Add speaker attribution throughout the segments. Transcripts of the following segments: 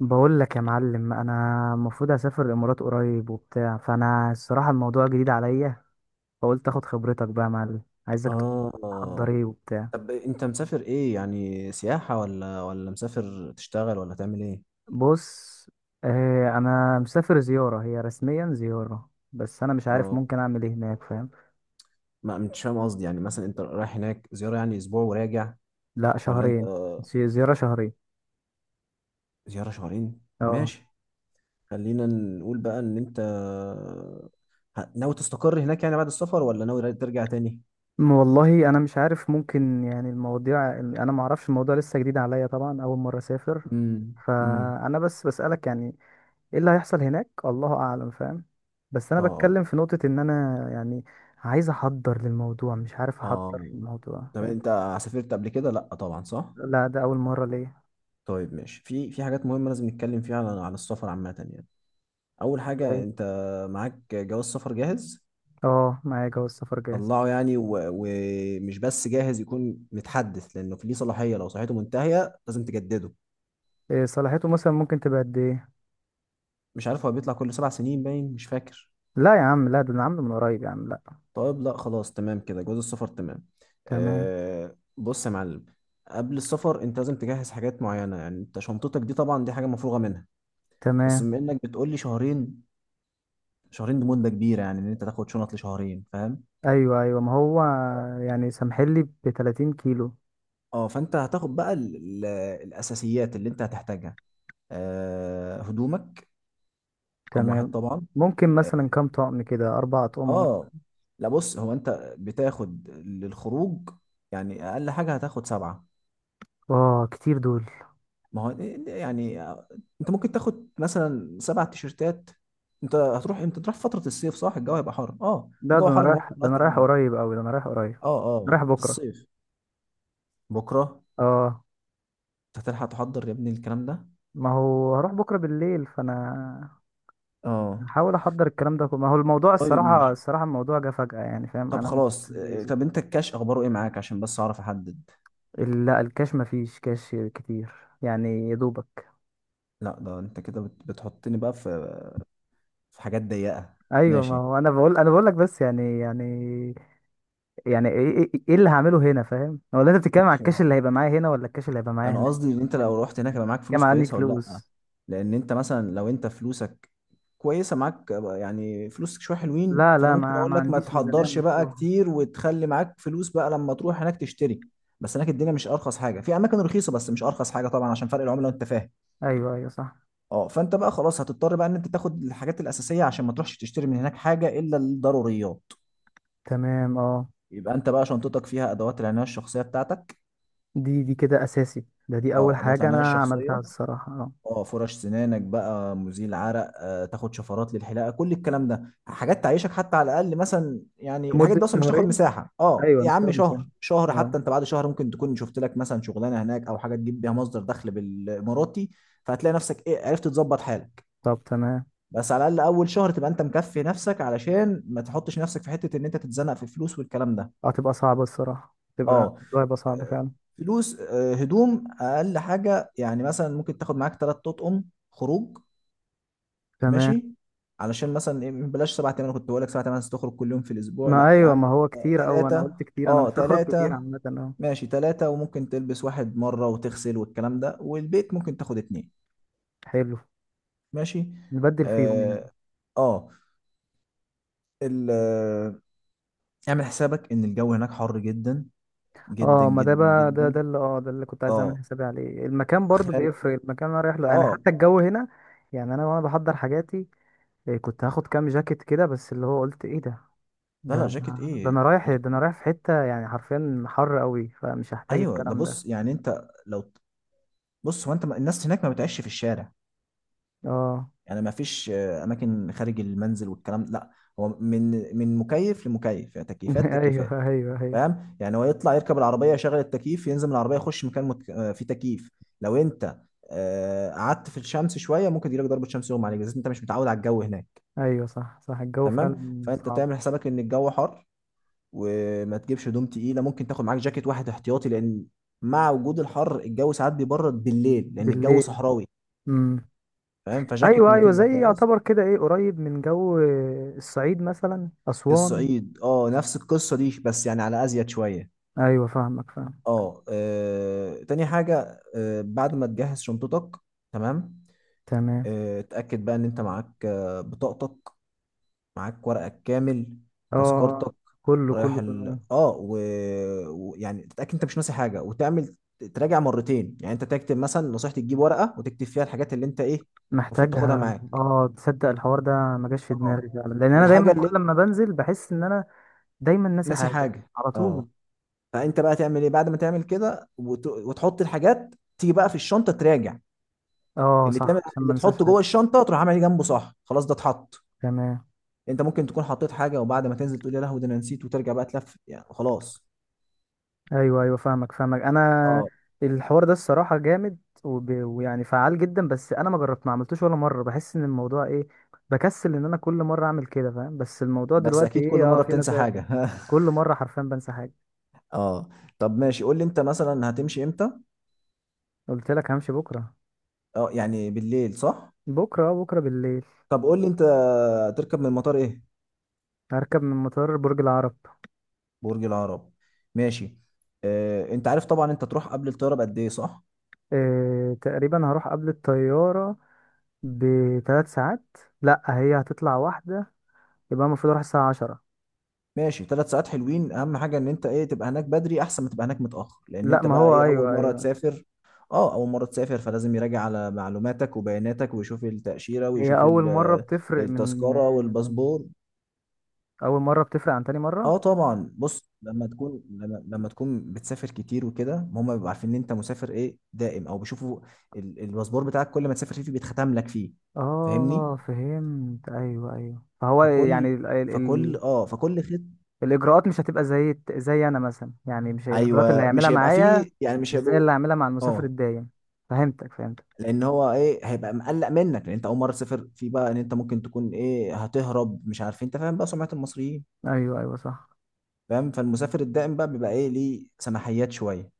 Speaker 1: بقول لك يا معلم انا المفروض اسافر الامارات قريب وبتاع، فانا الصراحه الموضوع جديد عليا، فقلت اخد خبرتك بقى يا معلم، عايزك تقول لي تحضر
Speaker 2: اه.
Speaker 1: ايه وبتاع.
Speaker 2: طب انت مسافر ايه؟ يعني سياحة ولا مسافر تشتغل ولا تعمل ايه؟
Speaker 1: بص، آه انا مسافر زياره، هي رسميا زياره بس انا مش عارف
Speaker 2: اه.
Speaker 1: ممكن اعمل ايه هناك، فاهم؟
Speaker 2: ما مش فاهم، قصدي يعني مثلا انت رايح هناك زيارة يعني اسبوع وراجع
Speaker 1: لا
Speaker 2: ولا انت
Speaker 1: شهرين. زياره شهرين.
Speaker 2: زيارة شهرين؟
Speaker 1: اه.
Speaker 2: ماشي. خلينا نقول بقى ان انت ناوي تستقر هناك يعني بعد السفر، ولا ناوي ترجع تاني؟
Speaker 1: والله انا مش عارف، ممكن يعني المواضيع انا ما اعرفش، الموضوع لسه جديد عليا، طبعا اول مره اسافر.
Speaker 2: امم. امم.
Speaker 1: فانا بس بسالك يعني ايه اللي هيحصل هناك، الله اعلم، فاهم؟ بس انا
Speaker 2: اه.
Speaker 1: بتكلم في نقطة ان انا يعني عايز احضر للموضوع، مش عارف
Speaker 2: اه.
Speaker 1: احضر للموضوع،
Speaker 2: طب
Speaker 1: فاهم؟
Speaker 2: انت سافرت قبل كده؟ لا طبعا، صح.
Speaker 1: لا ده اول مرة ليه.
Speaker 2: طيب ماشي، في حاجات مهمة لازم نتكلم فيها عن السفر عامة يعني. اول حاجه،
Speaker 1: طيب.
Speaker 2: انت معاك جواز سفر جاهز؟
Speaker 1: اه معايا جواز السفر جاهز.
Speaker 2: طلعه يعني، ومش بس جاهز، يكون متحدث لانه في ليه صلاحيه. لو صلاحيته منتهيه لازم تجدده.
Speaker 1: إيه صلاحيته مثلا، ممكن تبقى قد ايه؟
Speaker 2: مش عارف، هو بيطلع كل 7 سنين باين، مش فاكر.
Speaker 1: لا يا عم لا، ده انا عامله من قريب يا عم، لا.
Speaker 2: طيب، لا خلاص تمام كده. جواز السفر تمام.
Speaker 1: تمام.
Speaker 2: أه، بص يا معلم، قبل السفر انت لازم تجهز حاجات معينه. يعني انت شنطتك دي طبعا دي حاجه مفروغه منها. بس
Speaker 1: تمام.
Speaker 2: بما انك بتقول لي شهرين، شهرين دي مده كبيره يعني ان انت تاخد شنط لشهرين، فاهم؟
Speaker 1: ايوه ايوه، ما هو يعني سامحلي ب 30 كيلو.
Speaker 2: اه، فانت هتاخد بقى الاساسيات اللي انت هتحتاجها. هدومك رقم واحد
Speaker 1: تمام.
Speaker 2: طبعا.
Speaker 1: ممكن
Speaker 2: اه.
Speaker 1: مثلا كام طقم، كده اربع اطقمة
Speaker 2: آه.
Speaker 1: مثلا؟
Speaker 2: لا بص، هو انت بتاخد للخروج، يعني اقل حاجه هتاخد سبعه.
Speaker 1: اه كتير دول.
Speaker 2: ما هو، يعني انت ممكن تاخد مثلا سبع تيشرتات. انت هتروح امتى؟ تروح فتره الصيف، صح؟ الجو هيبقى حر. اه،
Speaker 1: لا ده
Speaker 2: الجو
Speaker 1: انا
Speaker 2: حر موت
Speaker 1: رايح، ده انا
Speaker 2: وقت
Speaker 1: رايح
Speaker 2: هناك.
Speaker 1: قريب اوي، ده انا رايح قريب.
Speaker 2: اه. اه،
Speaker 1: رايح
Speaker 2: في
Speaker 1: بكرة.
Speaker 2: الصيف. بكره؟
Speaker 1: اه.
Speaker 2: انت هتلحق تحضر يا ابني الكلام ده؟
Speaker 1: ما هو هروح بكرة بالليل، فانا
Speaker 2: اه.
Speaker 1: هحاول احضر الكلام ده كله، ما هو الموضوع
Speaker 2: طيب
Speaker 1: الصراحة
Speaker 2: ماشي.
Speaker 1: الصراحة الموضوع جه فجأة يعني، فاهم؟
Speaker 2: طب
Speaker 1: انا ما كنتش
Speaker 2: خلاص،
Speaker 1: مجهزه.
Speaker 2: طب انت الكاش اخباره ايه معاك عشان بس اعرف احدد؟
Speaker 1: لا الكاش ما فيش كاش كتير، يعني يا دوبك.
Speaker 2: لا ده انت كده بتحطني بقى في حاجات ضيقه.
Speaker 1: ايوه ما
Speaker 2: ماشي.
Speaker 1: هو انا بقول، انا بقول لك بس يعني، يعني ايه، إيه اللي هعمله هنا، فاهم؟ ولا انت بتتكلم على
Speaker 2: ماشي، ما
Speaker 1: الكاش
Speaker 2: هو
Speaker 1: اللي هيبقى معايا هنا، ولا الكاش اللي هيبقى معايا
Speaker 2: انا
Speaker 1: هناك؟
Speaker 2: قصدي ان
Speaker 1: أنا
Speaker 2: انت
Speaker 1: فاهم.
Speaker 2: لو رحت هناك
Speaker 1: يعني
Speaker 2: يبقى معاك
Speaker 1: بتتكلم
Speaker 2: فلوس
Speaker 1: على اني
Speaker 2: كويسه ولا لا.
Speaker 1: فلوس؟
Speaker 2: لان انت مثلا لو انت فلوسك كويسه معاك، يعني فلوسك شويه حلوين،
Speaker 1: لا
Speaker 2: فانا
Speaker 1: لا،
Speaker 2: ممكن
Speaker 1: ما
Speaker 2: اقول
Speaker 1: ما
Speaker 2: لك ما
Speaker 1: عنديش ميزانية
Speaker 2: تحضرش بقى
Speaker 1: مفتوحة.
Speaker 2: كتير وتخلي معاك فلوس بقى لما تروح هناك تشتري. بس هناك الدنيا مش ارخص حاجه، في اماكن رخيصه بس مش ارخص حاجه طبعا، عشان فرق العمله وانت فاهم.
Speaker 1: ايوه ايوه صح.
Speaker 2: اه، فانت بقى خلاص هتضطر بقى ان انت تاخد الحاجات الاساسيه عشان ما تروحش تشتري من هناك حاجه الا الضروريات.
Speaker 1: تمام اه.
Speaker 2: يبقى انت بقى شنطتك فيها ادوات العنايه الشخصيه بتاعتك.
Speaker 1: دي دي كده اساسي، ده دي اول
Speaker 2: اه، ادوات
Speaker 1: حاجه
Speaker 2: العنايه
Speaker 1: انا
Speaker 2: الشخصيه.
Speaker 1: عملتها الصراحه، اه.
Speaker 2: اه، فرش سنانك بقى، مزيل عرق، تاخد شفرات للحلاقه، كل الكلام ده حاجات تعيشك. حتى على الاقل مثلا يعني الحاجات
Speaker 1: لمده
Speaker 2: دي اصلا مش تاخد
Speaker 1: شهرين.
Speaker 2: مساحه. اه
Speaker 1: ايوه
Speaker 2: يا
Speaker 1: مش
Speaker 2: عم
Speaker 1: هتاخد من سنه.
Speaker 2: شهر شهر،
Speaker 1: اه.
Speaker 2: حتى انت بعد شهر ممكن تكون شفت لك مثلا شغلانه هناك او حاجه تجيب بيها مصدر دخل بالاماراتي. فهتلاقي نفسك ايه، عرفت تظبط حالك.
Speaker 1: طب تمام.
Speaker 2: بس على الاقل اول شهر تبقى انت مكفي نفسك، علشان ما تحطش نفسك في حته ان انت تتزنق في الفلوس والكلام ده.
Speaker 1: هتبقى صعبه الصراحه، تبقى
Speaker 2: اه.
Speaker 1: الموضوع هيبقى صعب فعلا.
Speaker 2: فلوس، هدوم اقل حاجه يعني مثلا ممكن تاخد معاك ثلاث اطقم خروج.
Speaker 1: تمام.
Speaker 2: ماشي. علشان مثلا إيه، بلاش سبعة تمانية. كنت بقول لك سبعة تمانية تخرج كل يوم في الاسبوع،
Speaker 1: ما
Speaker 2: لا يا
Speaker 1: ايوه،
Speaker 2: عم
Speaker 1: ما هو كتير اوي، انا
Speaker 2: ثلاثة.
Speaker 1: قلت كتير، انا
Speaker 2: اه،
Speaker 1: مش هخرج كتير
Speaker 2: ثلاثة.
Speaker 1: عامه، اه.
Speaker 2: ماشي ثلاثة، وممكن تلبس واحد مرة وتغسل والكلام ده. والبيت ممكن تاخد اتنين.
Speaker 1: حلو.
Speaker 2: ماشي.
Speaker 1: نبدل فيهم يعني.
Speaker 2: اه. اه. ال- آه، اعمل حسابك ان الجو هناك حر جدا، جدا
Speaker 1: اه. ما ده
Speaker 2: جدا
Speaker 1: بقى، ده
Speaker 2: جدا.
Speaker 1: ده اللي اه، ده اللي كنت عايز اعمل
Speaker 2: اه.
Speaker 1: حسابي عليه، المكان برضو
Speaker 2: خارج.
Speaker 1: بيفرق، المكان اللي انا رايح له، يعني
Speaker 2: اه.
Speaker 1: حتى الجو هنا. يعني انا وانا بحضر حاجاتي إيه، كنت هاخد كام جاكيت كده، بس اللي هو قلت ايه ده؟
Speaker 2: لا، لا،
Speaker 1: ده
Speaker 2: جاكيت
Speaker 1: ده
Speaker 2: ايه،
Speaker 1: انا رايح،
Speaker 2: جاكيت
Speaker 1: ده انا
Speaker 2: ايه؟
Speaker 1: رايح في حتة يعني حرفيا حر قوي، فمش هحتاج
Speaker 2: ايوه ده،
Speaker 1: الكلام ده.
Speaker 2: بص يعني انت لو، بص هو انت الناس هناك ما بتعيش في الشارع.
Speaker 1: اه.
Speaker 2: يعني ما فيش اماكن خارج المنزل والكلام ده. لا. هو من مكيف لمكيف، يعني تكييفات تكييفات.
Speaker 1: ايوه ايوه ايوه.
Speaker 2: فاهم يعني هو يطلع يركب العربيه، يشغل التكييف، ينزل من العربيه، يخش مكان مك... آه، فيه تكييف. لو انت قعدت في الشمس شويه ممكن يجيلك ضربه شمس يغمى عليك، بس انت مش متعود على الجو هناك.
Speaker 1: ايوه صح صح، الجو فعلا
Speaker 2: تمام، فانت
Speaker 1: صعب.
Speaker 2: تعمل حسابك ان الجو حر وما تجيبش هدوم تقيله. ممكن تاخد معاك جاكيت واحد احتياطي، لان مع وجود الحر الجو ساعات بيبرد بالليل لان الجو
Speaker 1: بالليل.
Speaker 2: صحراوي.
Speaker 1: امم.
Speaker 2: فاهم؟ فجاكيت
Speaker 1: ايوه ايوه،
Speaker 2: ممكن يبقى
Speaker 1: زي
Speaker 2: كويس.
Speaker 1: يعتبر كده ايه قريب من جو الصعيد مثلا، اسوان.
Speaker 2: الصعيد، اه، نفس القصة دي بس يعني على أزيد شوية.
Speaker 1: ايوه فاهمك فاهم.
Speaker 2: اه. تاني حاجة، بعد ما تجهز شنطتك. تمام.
Speaker 1: تمام
Speaker 2: اتأكد بقى إن أنت معاك بطاقتك، معاك ورقك كامل.
Speaker 1: اه. آه.
Speaker 2: تذكرتك،
Speaker 1: كله
Speaker 2: رايح
Speaker 1: كله
Speaker 2: ال
Speaker 1: تمام.
Speaker 2: اه ويعني تتأكد أنت مش ناسي حاجة وتعمل تراجع مرتين. يعني أنت تكتب مثلا نصيحتي، تجيب ورقة وتكتب فيها الحاجات اللي أنت إيه المفروض تاخدها
Speaker 1: محتاجها
Speaker 2: معاك.
Speaker 1: اه، تصدق الحوار ده ما جاش في دماغي
Speaker 2: اه.
Speaker 1: فعلا، لان انا
Speaker 2: والحاجة
Speaker 1: دايما
Speaker 2: اللي
Speaker 1: كل ما بنزل بحس ان انا دايما ناسي
Speaker 2: ناسي
Speaker 1: حاجه
Speaker 2: حاجة.
Speaker 1: على طول.
Speaker 2: اه. فانت بقى تعمل ايه بعد ما تعمل كده وتحط الحاجات، تيجي بقى في الشنطه تراجع.
Speaker 1: اه صح، عشان ما
Speaker 2: اللي
Speaker 1: انساش
Speaker 2: تحطه جوه
Speaker 1: حاجه.
Speaker 2: الشنطه، تروح عامل إيه جنبه، صح خلاص ده اتحط.
Speaker 1: تمام.
Speaker 2: انت ممكن تكون حطيت حاجه، وبعد ما تنزل تقول يا لهوي ده انا نسيت، وترجع بقى تلف يعني خلاص.
Speaker 1: ايوه ايوه فاهمك فاهمك، انا
Speaker 2: اه.
Speaker 1: الحوار ده الصراحه جامد ويعني فعال جدا، بس انا ما جربت، ما عملتوش ولا مره، بحس ان الموضوع ايه، بكسل ان انا كل مره اعمل كده، فاهم؟ بس الموضوع
Speaker 2: بس
Speaker 1: دلوقتي
Speaker 2: اكيد كل
Speaker 1: ايه اه،
Speaker 2: مره
Speaker 1: في
Speaker 2: بتنسى
Speaker 1: مسافه.
Speaker 2: حاجه.
Speaker 1: كل مره حرفيا بنسى حاجه.
Speaker 2: اه. طب ماشي، قول لي انت مثلا هتمشي امتى؟
Speaker 1: قلت لك همشي بكره.
Speaker 2: اه، يعني بالليل، صح؟
Speaker 1: بكره اه، بكره بالليل.
Speaker 2: طب قول لي انت تركب من المطار ايه؟
Speaker 1: هركب من مطار برج العرب.
Speaker 2: برج العرب. ماشي. انت عارف طبعا انت تروح قبل الطياره بقد ايه، صح؟
Speaker 1: إيه... تقريبا هروح قبل الطياره بثلاث ساعات. لا هي هتطلع واحده، يبقى المفروض اروح الساعه 10.
Speaker 2: ماشي، 3 ساعات حلوين. اهم حاجه ان انت ايه تبقى هناك بدري احسن ما تبقى هناك متاخر، لان
Speaker 1: لا
Speaker 2: انت
Speaker 1: ما
Speaker 2: بقى
Speaker 1: هو
Speaker 2: ايه اول
Speaker 1: ايوه
Speaker 2: مره
Speaker 1: ايوه.
Speaker 2: تسافر. اه، اول مره تسافر، فلازم يراجع على معلوماتك وبياناتك ويشوف التاشيره
Speaker 1: هي
Speaker 2: ويشوف
Speaker 1: اول مرة بتفرق من
Speaker 2: التذكره
Speaker 1: من،
Speaker 2: والباسبور.
Speaker 1: اول مرة بتفرق عن تاني مرة.
Speaker 2: اه طبعا، بص لما تكون بتسافر كتير وكده، هم بيبقوا عارفين ان انت مسافر ايه دائم، او بيشوفوا الباسبور بتاعك، كل ما تسافر فيه بيتختم لك فيه. فاهمني؟
Speaker 1: اه فهمت، ايوه ايوه، فهو يعني
Speaker 2: فكل
Speaker 1: ال ال ال
Speaker 2: فكل خط.
Speaker 1: الاجراءات مش هتبقى زي زي انا مثلا، يعني مش الاجراءات اللي
Speaker 2: ايوه،
Speaker 1: هيعملها
Speaker 2: مش هيبقى
Speaker 1: معايا،
Speaker 2: فيه، يعني مش
Speaker 1: مش زي
Speaker 2: هيبقوا.
Speaker 1: اللي هعملها مع المسافر
Speaker 2: اه،
Speaker 1: الدايم. فهمتك فهمتك.
Speaker 2: لان هو ايه هيبقى مقلق منك، لان انت اول مره تسافر في بقى، ان انت ممكن تكون ايه هتهرب مش عارف إيه. انت فاهم بقى سمعه المصريين؟
Speaker 1: ايوه ايوه صح.
Speaker 2: فاهم، فالمسافر الدائم بقى بيبقى ايه ليه سماحيات شويه.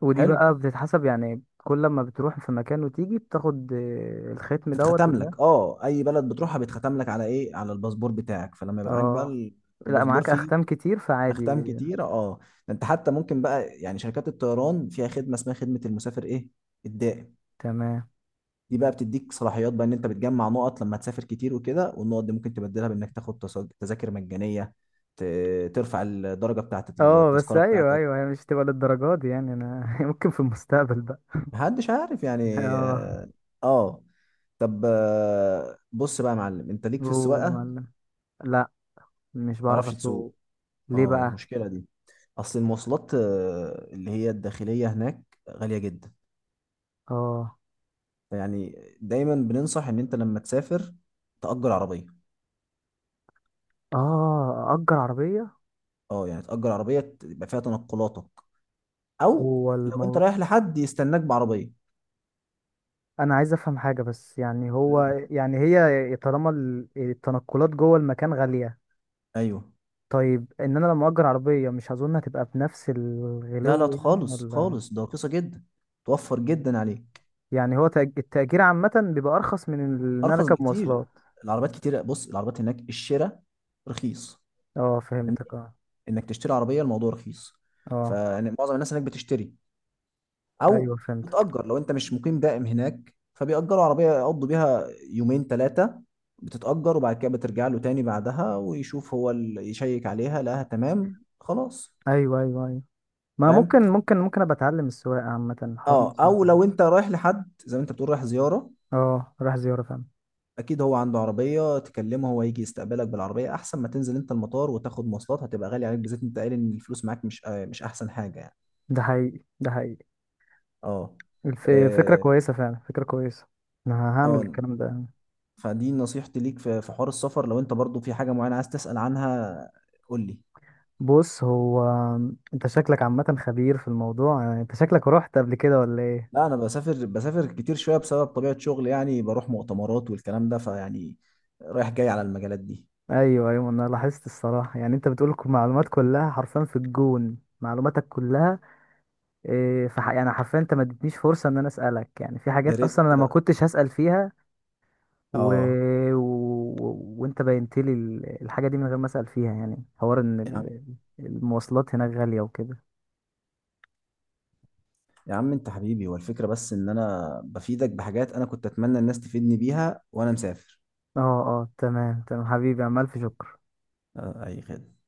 Speaker 1: ودي
Speaker 2: حلو.
Speaker 1: بقى بتتحسب يعني، كل لما بتروح في مكان وتيجي بتاخد آه، الختم دوت
Speaker 2: تتختم
Speaker 1: اللي ده.
Speaker 2: لك، اه، اي بلد بتروحها بيتختم لك على ايه، على الباسبور بتاعك. فلما يبقى معاك
Speaker 1: اه
Speaker 2: بقى
Speaker 1: لا
Speaker 2: الباسبور
Speaker 1: معاك
Speaker 2: فيه
Speaker 1: اختام كتير،
Speaker 2: اختام
Speaker 1: فعادي.
Speaker 2: كتيره. اه. ده انت حتى ممكن بقى، يعني شركات الطيران فيها خدمه اسمها خدمه المسافر ايه، الدائم.
Speaker 1: تمام
Speaker 2: دي بقى بتديك صلاحيات بقى ان انت بتجمع نقط لما تسافر كتير وكده، والنقط دي ممكن تبدلها بانك تاخد تذاكر مجانيه، ترفع الدرجه بتاعه
Speaker 1: اه، بس
Speaker 2: التذكره
Speaker 1: ايوه
Speaker 2: بتاعتك.
Speaker 1: ايوه، هي مش تبقى للدرجات دي يعني انا ممكن في المستقبل بقى.
Speaker 2: محدش عارف يعني.
Speaker 1: اه.
Speaker 2: اه. آه. طب بص بقى يا معلم، انت ليك في
Speaker 1: اوه يا
Speaker 2: السواقه، ما
Speaker 1: معلم. لا. مش بعرف
Speaker 2: تعرفش تسوق؟
Speaker 1: اسوق. ليه
Speaker 2: اه،
Speaker 1: بقى؟
Speaker 2: المشكله دي، اصل المواصلات اللي هي الداخليه هناك غاليه جدا.
Speaker 1: اه.
Speaker 2: يعني دايما بننصح ان انت لما تسافر تأجر عربيه.
Speaker 1: اه اجر عربيه.
Speaker 2: اه، يعني تأجر عربيه يبقى فيها تنقلاتك. او
Speaker 1: هو
Speaker 2: لو انت
Speaker 1: المو...
Speaker 2: رايح لحد يستناك بعربيه.
Speaker 1: انا عايز افهم حاجه بس، يعني هو
Speaker 2: مم.
Speaker 1: يعني، هي طالما التنقلات جوه المكان غاليه،
Speaker 2: ايوه.
Speaker 1: طيب ان انا لما اجر عربيه مش اظن هتبقى بنفس
Speaker 2: لا،
Speaker 1: الغلو
Speaker 2: لا
Speaker 1: يعني،
Speaker 2: خالص
Speaker 1: ولا؟
Speaker 2: خالص، ده رخيصه جدا، توفر جدا عليك.
Speaker 1: يعني هو التأجير عامه بيبقى ارخص من ان انا
Speaker 2: ارخص
Speaker 1: اركب
Speaker 2: بكتير.
Speaker 1: مواصلات.
Speaker 2: العربيات كتيره، بص العربيات هناك الشراء رخيص،
Speaker 1: اه
Speaker 2: يعني
Speaker 1: فهمتك اه.
Speaker 2: انك تشتري عربيه الموضوع رخيص.
Speaker 1: اه
Speaker 2: فمعظم الناس هناك بتشتري، او
Speaker 1: ايوه فهمتك.
Speaker 2: بتأجر. لو انت مش مقيم دائم هناك فبيأجروا عربيه يقضوا بيها يومين ثلاثه، بتتأجر وبعد كده بترجع له تاني بعدها، ويشوف هو اللي يشيك عليها لقاها تمام خلاص.
Speaker 1: ايوه ايوه ايوه. ما
Speaker 2: فاهم؟
Speaker 1: ممكن ممكن ابقى اتعلم السواقه، عامه الحوار
Speaker 2: اه،
Speaker 1: مش صعب.
Speaker 2: او لو انت رايح لحد زي ما انت بتقول رايح زياره،
Speaker 1: اه راح زياره فعلا.
Speaker 2: اكيد هو عنده عربيه تكلمه هو يجي يستقبلك بالعربيه، احسن ما تنزل انت المطار وتاخد مواصلات هتبقى غالي عليك، بالذات انت قايل ان الفلوس معاك مش مش احسن حاجه يعني.
Speaker 1: ده حقيقي ده حقيقي.
Speaker 2: اه.
Speaker 1: الف- فكره
Speaker 2: اه.
Speaker 1: كويسه فعلا، فكره كويسه. انا هعمل
Speaker 2: آه.
Speaker 1: الكلام ده.
Speaker 2: فدي نصيحتي ليك في حوار السفر. لو انت برضو في حاجه معينه عايز تسال عنها، قول لي.
Speaker 1: بص هو، انت شكلك عامه خبير في الموضوع، يعني انت شكلك رحت قبل كده ولا ايه؟
Speaker 2: لا، انا بسافر بسافر كتير شويه بسبب طبيعه شغل، يعني بروح مؤتمرات والكلام ده فيعني رايح جاي على المجالات دي.
Speaker 1: ايوه ايوه، انا لاحظت الصراحه، يعني انت بتقول معلومات كلها حرفيا في الجون، معلوماتك كلها إيه، يعني حرفيا انت ما اديتنيش فرصه ان انا اسالك، يعني في
Speaker 2: يا
Speaker 1: حاجات
Speaker 2: ريت.
Speaker 1: اصلا انا ما كنتش هسال فيها و...
Speaker 2: اه
Speaker 1: وانت بينت لي الحاجه دي من غير ما اسال فيها، يعني حوار ان المواصلات هناك غاليه وكده.
Speaker 2: يا عم انت حبيبي، هو الفكرة بس ان انا بفيدك بحاجات انا كنت اتمنى الناس تفيدني بيها وانا مسافر.
Speaker 1: اه اه تمام تمام حبيبي، عمال في شكر.
Speaker 2: اي خدمة.